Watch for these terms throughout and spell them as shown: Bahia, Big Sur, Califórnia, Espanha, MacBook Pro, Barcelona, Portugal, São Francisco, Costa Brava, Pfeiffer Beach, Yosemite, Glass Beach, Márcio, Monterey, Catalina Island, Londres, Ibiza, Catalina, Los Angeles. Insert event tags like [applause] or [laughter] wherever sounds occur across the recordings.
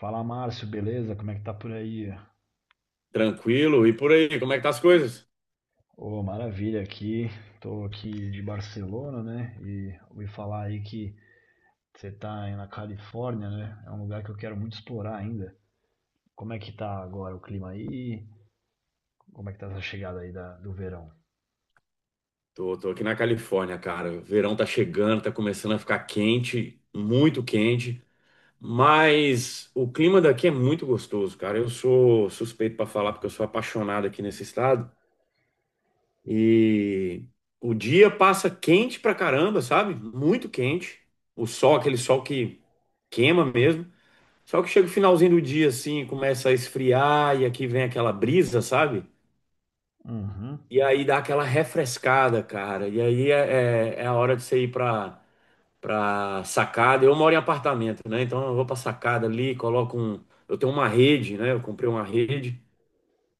Fala Márcio, beleza? Como é que tá por aí? Tranquilo, e por aí, como é que tá as coisas? Ô, maravilha aqui. Tô aqui de Barcelona, né? E ouvi falar aí que você tá aí na Califórnia, né? É um lugar que eu quero muito explorar ainda. Como é que tá agora o clima aí? Como é que tá essa chegada aí do verão? Tô aqui na Califórnia, cara. O verão tá chegando, tá começando a ficar quente, muito quente, mas o clima daqui é muito gostoso, cara. Eu sou suspeito pra falar porque eu sou apaixonado aqui nesse estado. E o dia passa quente pra caramba, sabe? Muito quente. O sol, aquele sol que queima mesmo. Só que chega o finalzinho do dia assim, começa a esfriar e aqui vem aquela brisa, sabe? Uhum, E aí dá aquela refrescada, cara. E aí é a hora de você ir pra sacada. Eu moro em apartamento, né? Então eu vou pra sacada ali, coloco um. Eu tenho uma rede, né? Eu comprei uma rede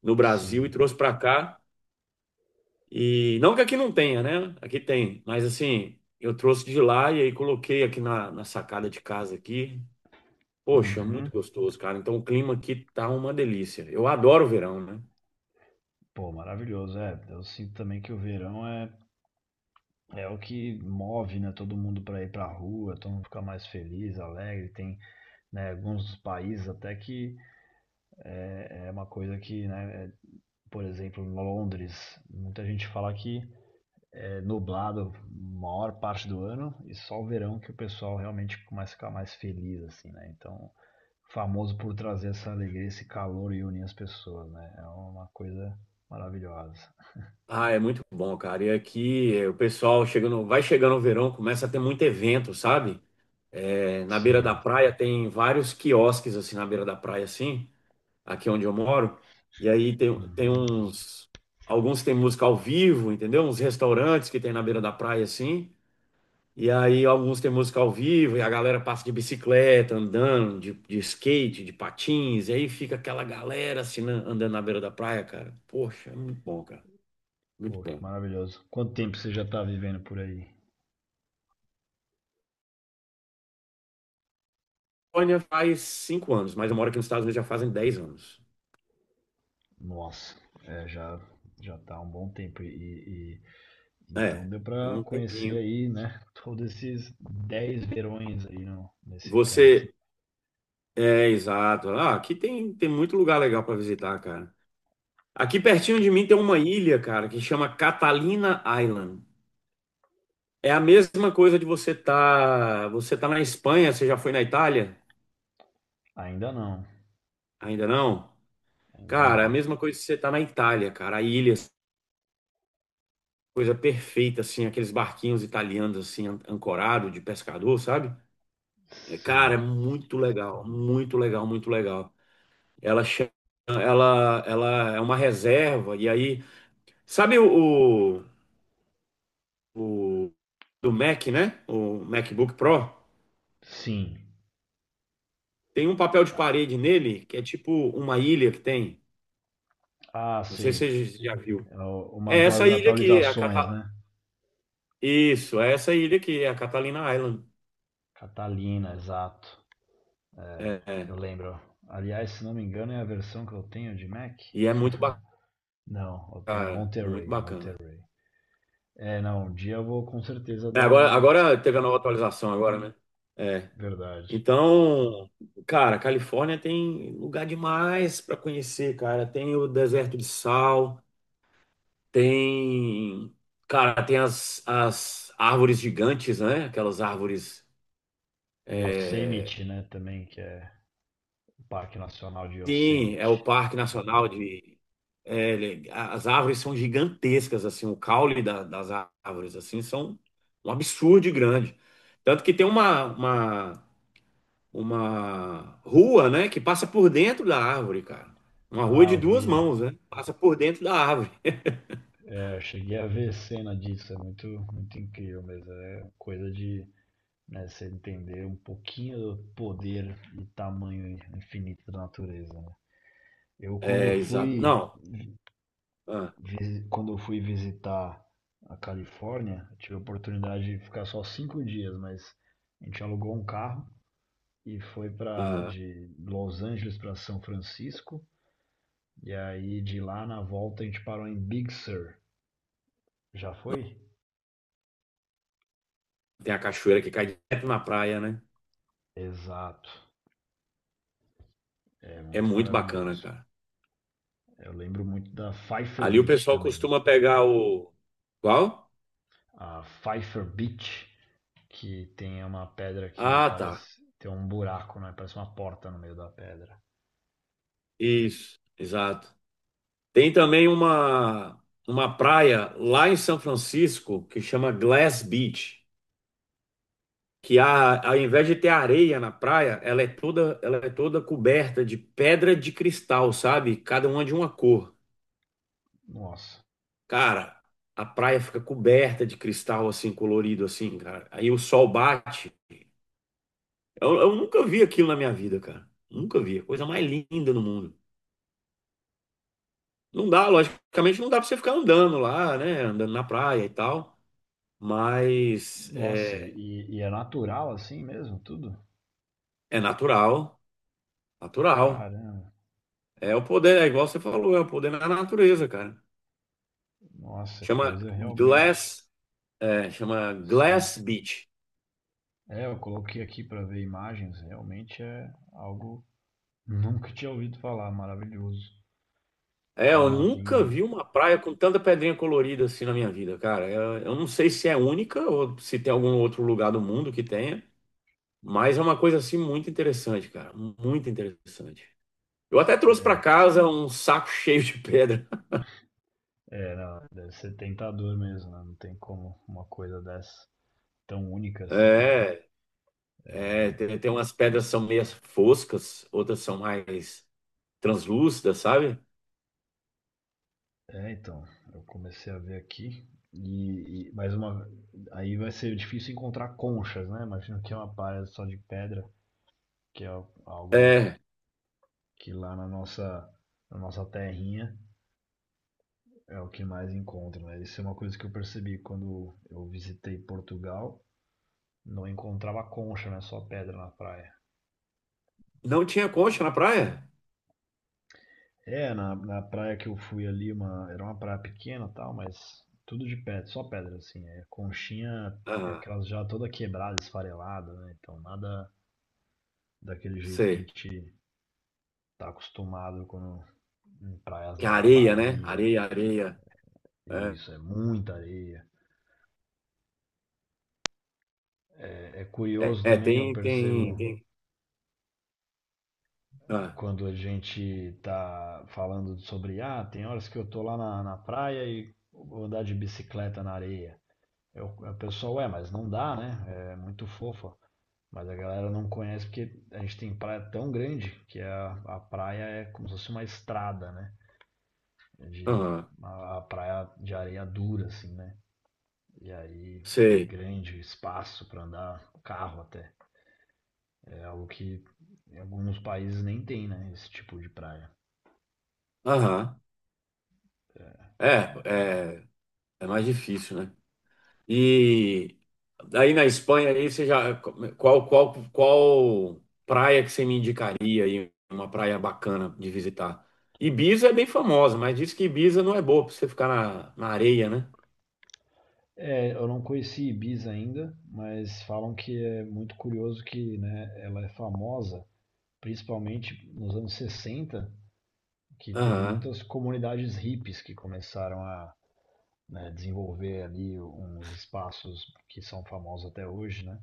no Brasil e sim. trouxe pra cá. E não que aqui não tenha, né? Aqui tem. Mas assim, eu trouxe de lá e aí coloquei aqui na sacada de casa aqui. Poxa, Uhum. muito gostoso, cara. Então o clima aqui tá uma delícia. Eu adoro o verão, né? Pô, maravilhoso. É, eu sinto também que o verão é o que move, né? Todo mundo pra ir pra rua, todo mundo fica mais feliz, alegre, tem né, alguns países até que é uma coisa que, né, por exemplo, em Londres, muita gente fala que é nublado a maior parte do ano e só o verão que o pessoal realmente começa a ficar mais feliz, assim, né? Então, famoso por trazer essa alegria, esse calor e unir as pessoas, né? É uma coisa maravilhosa. Ah, é muito bom, cara. E aqui o pessoal chegando, vai chegando o verão, começa a ter muito evento, sabe? Na beira da Sim. praia tem vários quiosques assim na beira da praia, assim, aqui onde eu moro. E aí tem Uhum. uns, alguns tem música ao vivo, entendeu? Uns restaurantes que tem na beira da praia, assim. E aí alguns tem música ao vivo e a galera passa de bicicleta, andando, de skate, de patins. E aí fica aquela galera assim andando na beira da praia, cara. Poxa, é muito bom, cara. Muito Pô, que bom. maravilhoso. Quanto tempo você já está vivendo por aí? Polônia faz 5 anos, mas eu moro aqui nos Estados Unidos já fazem 10 anos. Nossa, é, já tá há um bom tempo e- Então É, deu é para um conhecer tempinho. aí, né, [laughs] todos esses 10 verões aí nesse canto. Você. É, exato. Ah, aqui tem muito lugar legal para visitar, cara. Aqui pertinho de mim tem uma ilha, cara, que chama Catalina Island. É a mesma coisa de você tá na Espanha, você já foi na Itália? Ainda não, Ainda não? ainda Cara, é a não. mesma coisa de você tá na Itália, cara. A ilha, coisa perfeita, assim, aqueles barquinhos italianos, assim, ancorado de pescador, sabe? É, cara, é Sim, muito legal, muito legal, muito legal. Ela, cha- ela é uma reserva, e aí, sabe o do Mac, né? O MacBook Pro? sim. Tem um papel de parede nele, que é tipo uma ilha que tem. Ah, Não sei sei. se você já viu. Uma É das essa ilha aqui, atualizações, né? isso, é essa ilha aqui, é a Catalina Island. Catalina, exato. É, É, é. eu lembro. Aliás, se não me engano, é a versão que eu tenho de Mac. E é muito Não, eu tenho bacana, muito Monterey, bacana. Monterey. É, não, um dia eu vou com certeza É, dar agora, uma agora teve a nova atualização agora, né? É. verdade. Então, cara, Califórnia tem lugar demais para conhecer, cara. Tem o deserto de sal, tem, cara, tem as árvores gigantes, né? Aquelas árvores. é, Yosemite, né, também, que é o Parque Nacional de Sim, é o Yosemite. Parque Nacional de. As árvores são gigantescas, assim, o caule das árvores, assim, são um absurdo de grande. Tanto que tem uma rua, né, que passa por dentro da árvore, cara. Uma rua Ah, de eu duas vi. mãos, né? Passa por dentro da árvore. É, eu cheguei a ver cena disso, é muito, muito incrível, mas é coisa de, né, você entender um pouquinho do poder e tamanho infinito da natureza, né? Eu quando É, exato. fui, Não. Ah, quando eu fui visitar a Califórnia, eu tive a oportunidade de ficar só 5 dias, mas a gente alugou um carro e foi para aham. de Los Angeles para São Francisco, e aí de lá na volta a gente parou em Big Sur. Já foi? Tem a cachoeira que cai direto na praia, né? Exato. É É muito muito bacana, maravilhoso. cara. Eu lembro muito da Pfeiffer Ali o Beach pessoal também. costuma pegar o. Qual? A Pfeiffer Beach, que tem uma pedra que Ah, parece tá. ter um buraco, né? Parece uma porta no meio da pedra. Isso, exato. Tem também uma praia lá em São Francisco que chama Glass Beach. Que a, ao invés de ter areia na praia, ela é toda coberta de pedra de cristal, sabe? Cada uma de uma cor. Nossa. Cara, a praia fica coberta de cristal assim colorido assim, cara. Aí o sol bate. Eu nunca vi aquilo na minha vida, cara. Nunca vi. Coisa mais linda no mundo. Não dá, logicamente, não dá pra você ficar andando lá, né? Andando na praia e tal. Mas Nossa, é, e é natural assim mesmo, tudo? é natural, natural. Caramba. É o poder, é igual você falou, é o poder da natureza, cara. Nossa, é Chama coisa realmente. Glass, chama Sim. Glass Beach. É, eu coloquei aqui para ver imagens, realmente é algo nunca tinha ouvido falar, maravilhoso. É, É, eu não, tem. nunca vi uma praia com tanta pedrinha colorida assim na minha vida, cara. Eu não sei se é única ou se tem algum outro lugar do mundo que tenha, mas é uma coisa assim muito interessante, cara, muito interessante. Eu até trouxe pra casa um saco [laughs] cheio de pedra. [laughs] É, não, deve ser tentador mesmo, né? Não tem como uma coisa dessa tão única assim, né? É, tem umas pedras que são meio foscas, outras são mais translúcidas, sabe? É, então, eu comecei a ver aqui e mais uma, aí vai ser difícil encontrar conchas, né? Imagino que é uma praia só de pedra, que é algo É, que lá na nossa terrinha é o que mais encontra, né? Isso é uma coisa que eu percebi quando eu visitei Portugal, não encontrava concha, né? Só pedra na praia. não tinha concha na praia? É, na praia que eu fui ali, uma, era uma praia pequena e tal, mas tudo de pedra, só pedra, assim. É, conchinha, é Ah, aquelas já toda quebrada, esfarelada, né? Então nada daquele jeito que a sei. gente tá acostumado quando, em praias, Que é né, da areia, né? Bahia. Areia, areia. É, Isso, é muita areia. É é, curioso é, também, eu tem, tem, percebo tem. Ah, quando a gente tá falando sobre, ah, tem horas que eu tô lá na praia e vou andar de bicicleta na areia. Eu, o pessoal, é, mas não dá, né? É muito fofa. Mas a galera não conhece porque a gente tem praia tão grande que a praia é como se fosse uma estrada, né? De, aham, a praia de areia dura, assim, né? E aí, e sei. grande espaço para andar carro até. É algo que em alguns países nem tem, né? Esse tipo de praia. Aham. É, é, é mais difícil, né? E aí na Espanha, aí você já. Qual praia que você me indicaria aí? Uma praia bacana de visitar. Ibiza é bem famosa, mas diz que Ibiza não é boa pra você ficar na areia, né? É, eu não conheci Ibiza ainda, mas falam que é muito curioso que, né, ela é famosa, principalmente nos anos 60, que teve Aham, muitas comunidades hippies que começaram a né, desenvolver ali uns espaços que são famosos até hoje, né?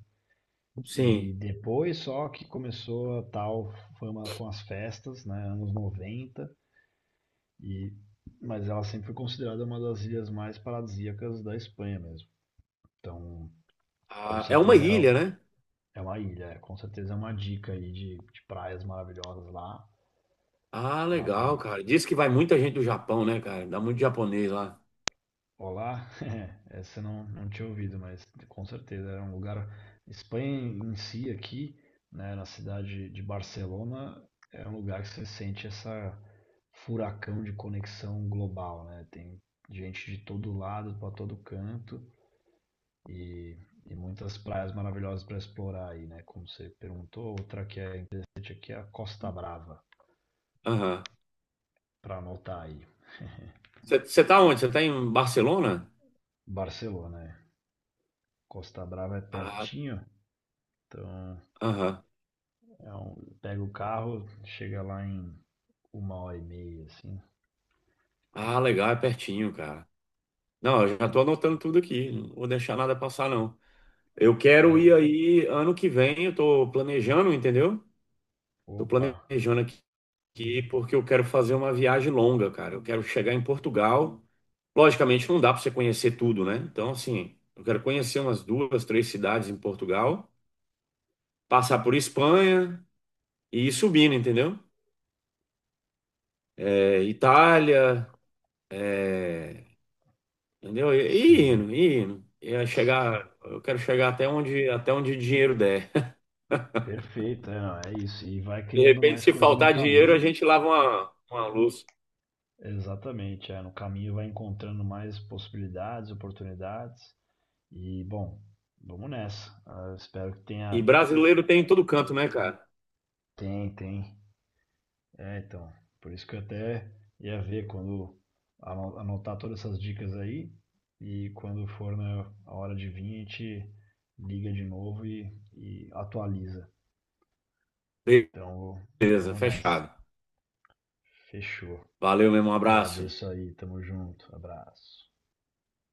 E sim. depois só que começou a tal fama com as festas, né, anos 90 e mas ela sempre foi considerada uma das ilhas mais paradisíacas da Espanha mesmo. Então, com Ah, é uma certeza ilha, é, né? é uma ilha, é, com certeza é uma dica aí de praias maravilhosas lá. Ah, Lá legal, tem cara. Diz que vai muita gente do Japão, né, cara? Dá muito japonês lá. Olá, [laughs] essa eu não tinha ouvido, mas com certeza era um lugar. Espanha em si aqui, né, na cidade de Barcelona, é um lugar que você sente essa furacão de conexão global, né? Tem gente de todo lado, para todo canto e, e muitas praias maravilhosas para explorar aí, né? Como você perguntou, outra que é interessante aqui é a Costa Brava, Aham. para anotar aí. Você tá onde? Você tá em Barcelona? Barcelona, né? Costa Brava é Ah, pertinho, então aham. é um pega o carro, chega lá em uma hora e meia, assim. Ah, legal, é pertinho, cara. Não, eu já tô anotando tudo aqui. Não vou deixar nada passar, não. Eu quero É, ir aí ano que vem. Eu tô planejando, entendeu? Tô opa, planejando aqui porque eu quero fazer uma viagem longa, cara. Eu quero chegar em Portugal. Logicamente, não dá para você conhecer tudo, né? Então, assim, eu quero conhecer umas duas, três cidades em Portugal. Passar por Espanha e ir subindo, entendeu? É, Itália, é, entendeu? E sim, indo, e indo. E aí chegar, eu quero chegar até onde dinheiro der. perfeito, é, não, é isso. E vai De criando repente, mais se coisa no faltar dinheiro, a caminho. gente lava uma luz. Exatamente, é, no caminho vai encontrando mais possibilidades, oportunidades. E, bom, vamos nessa. Ah, espero que E tenha. brasileiro tem em todo canto, né, cara? Tem, tem. É, então, por isso que eu até ia ver quando anotar todas essas dicas aí e quando for na a hora de vir, a gente liga de novo e atualiza. Então, Beleza, vamos nessa. fechado. Fechou. Valeu mesmo, um abraço. Agradeço aí, tamo junto. Abraço.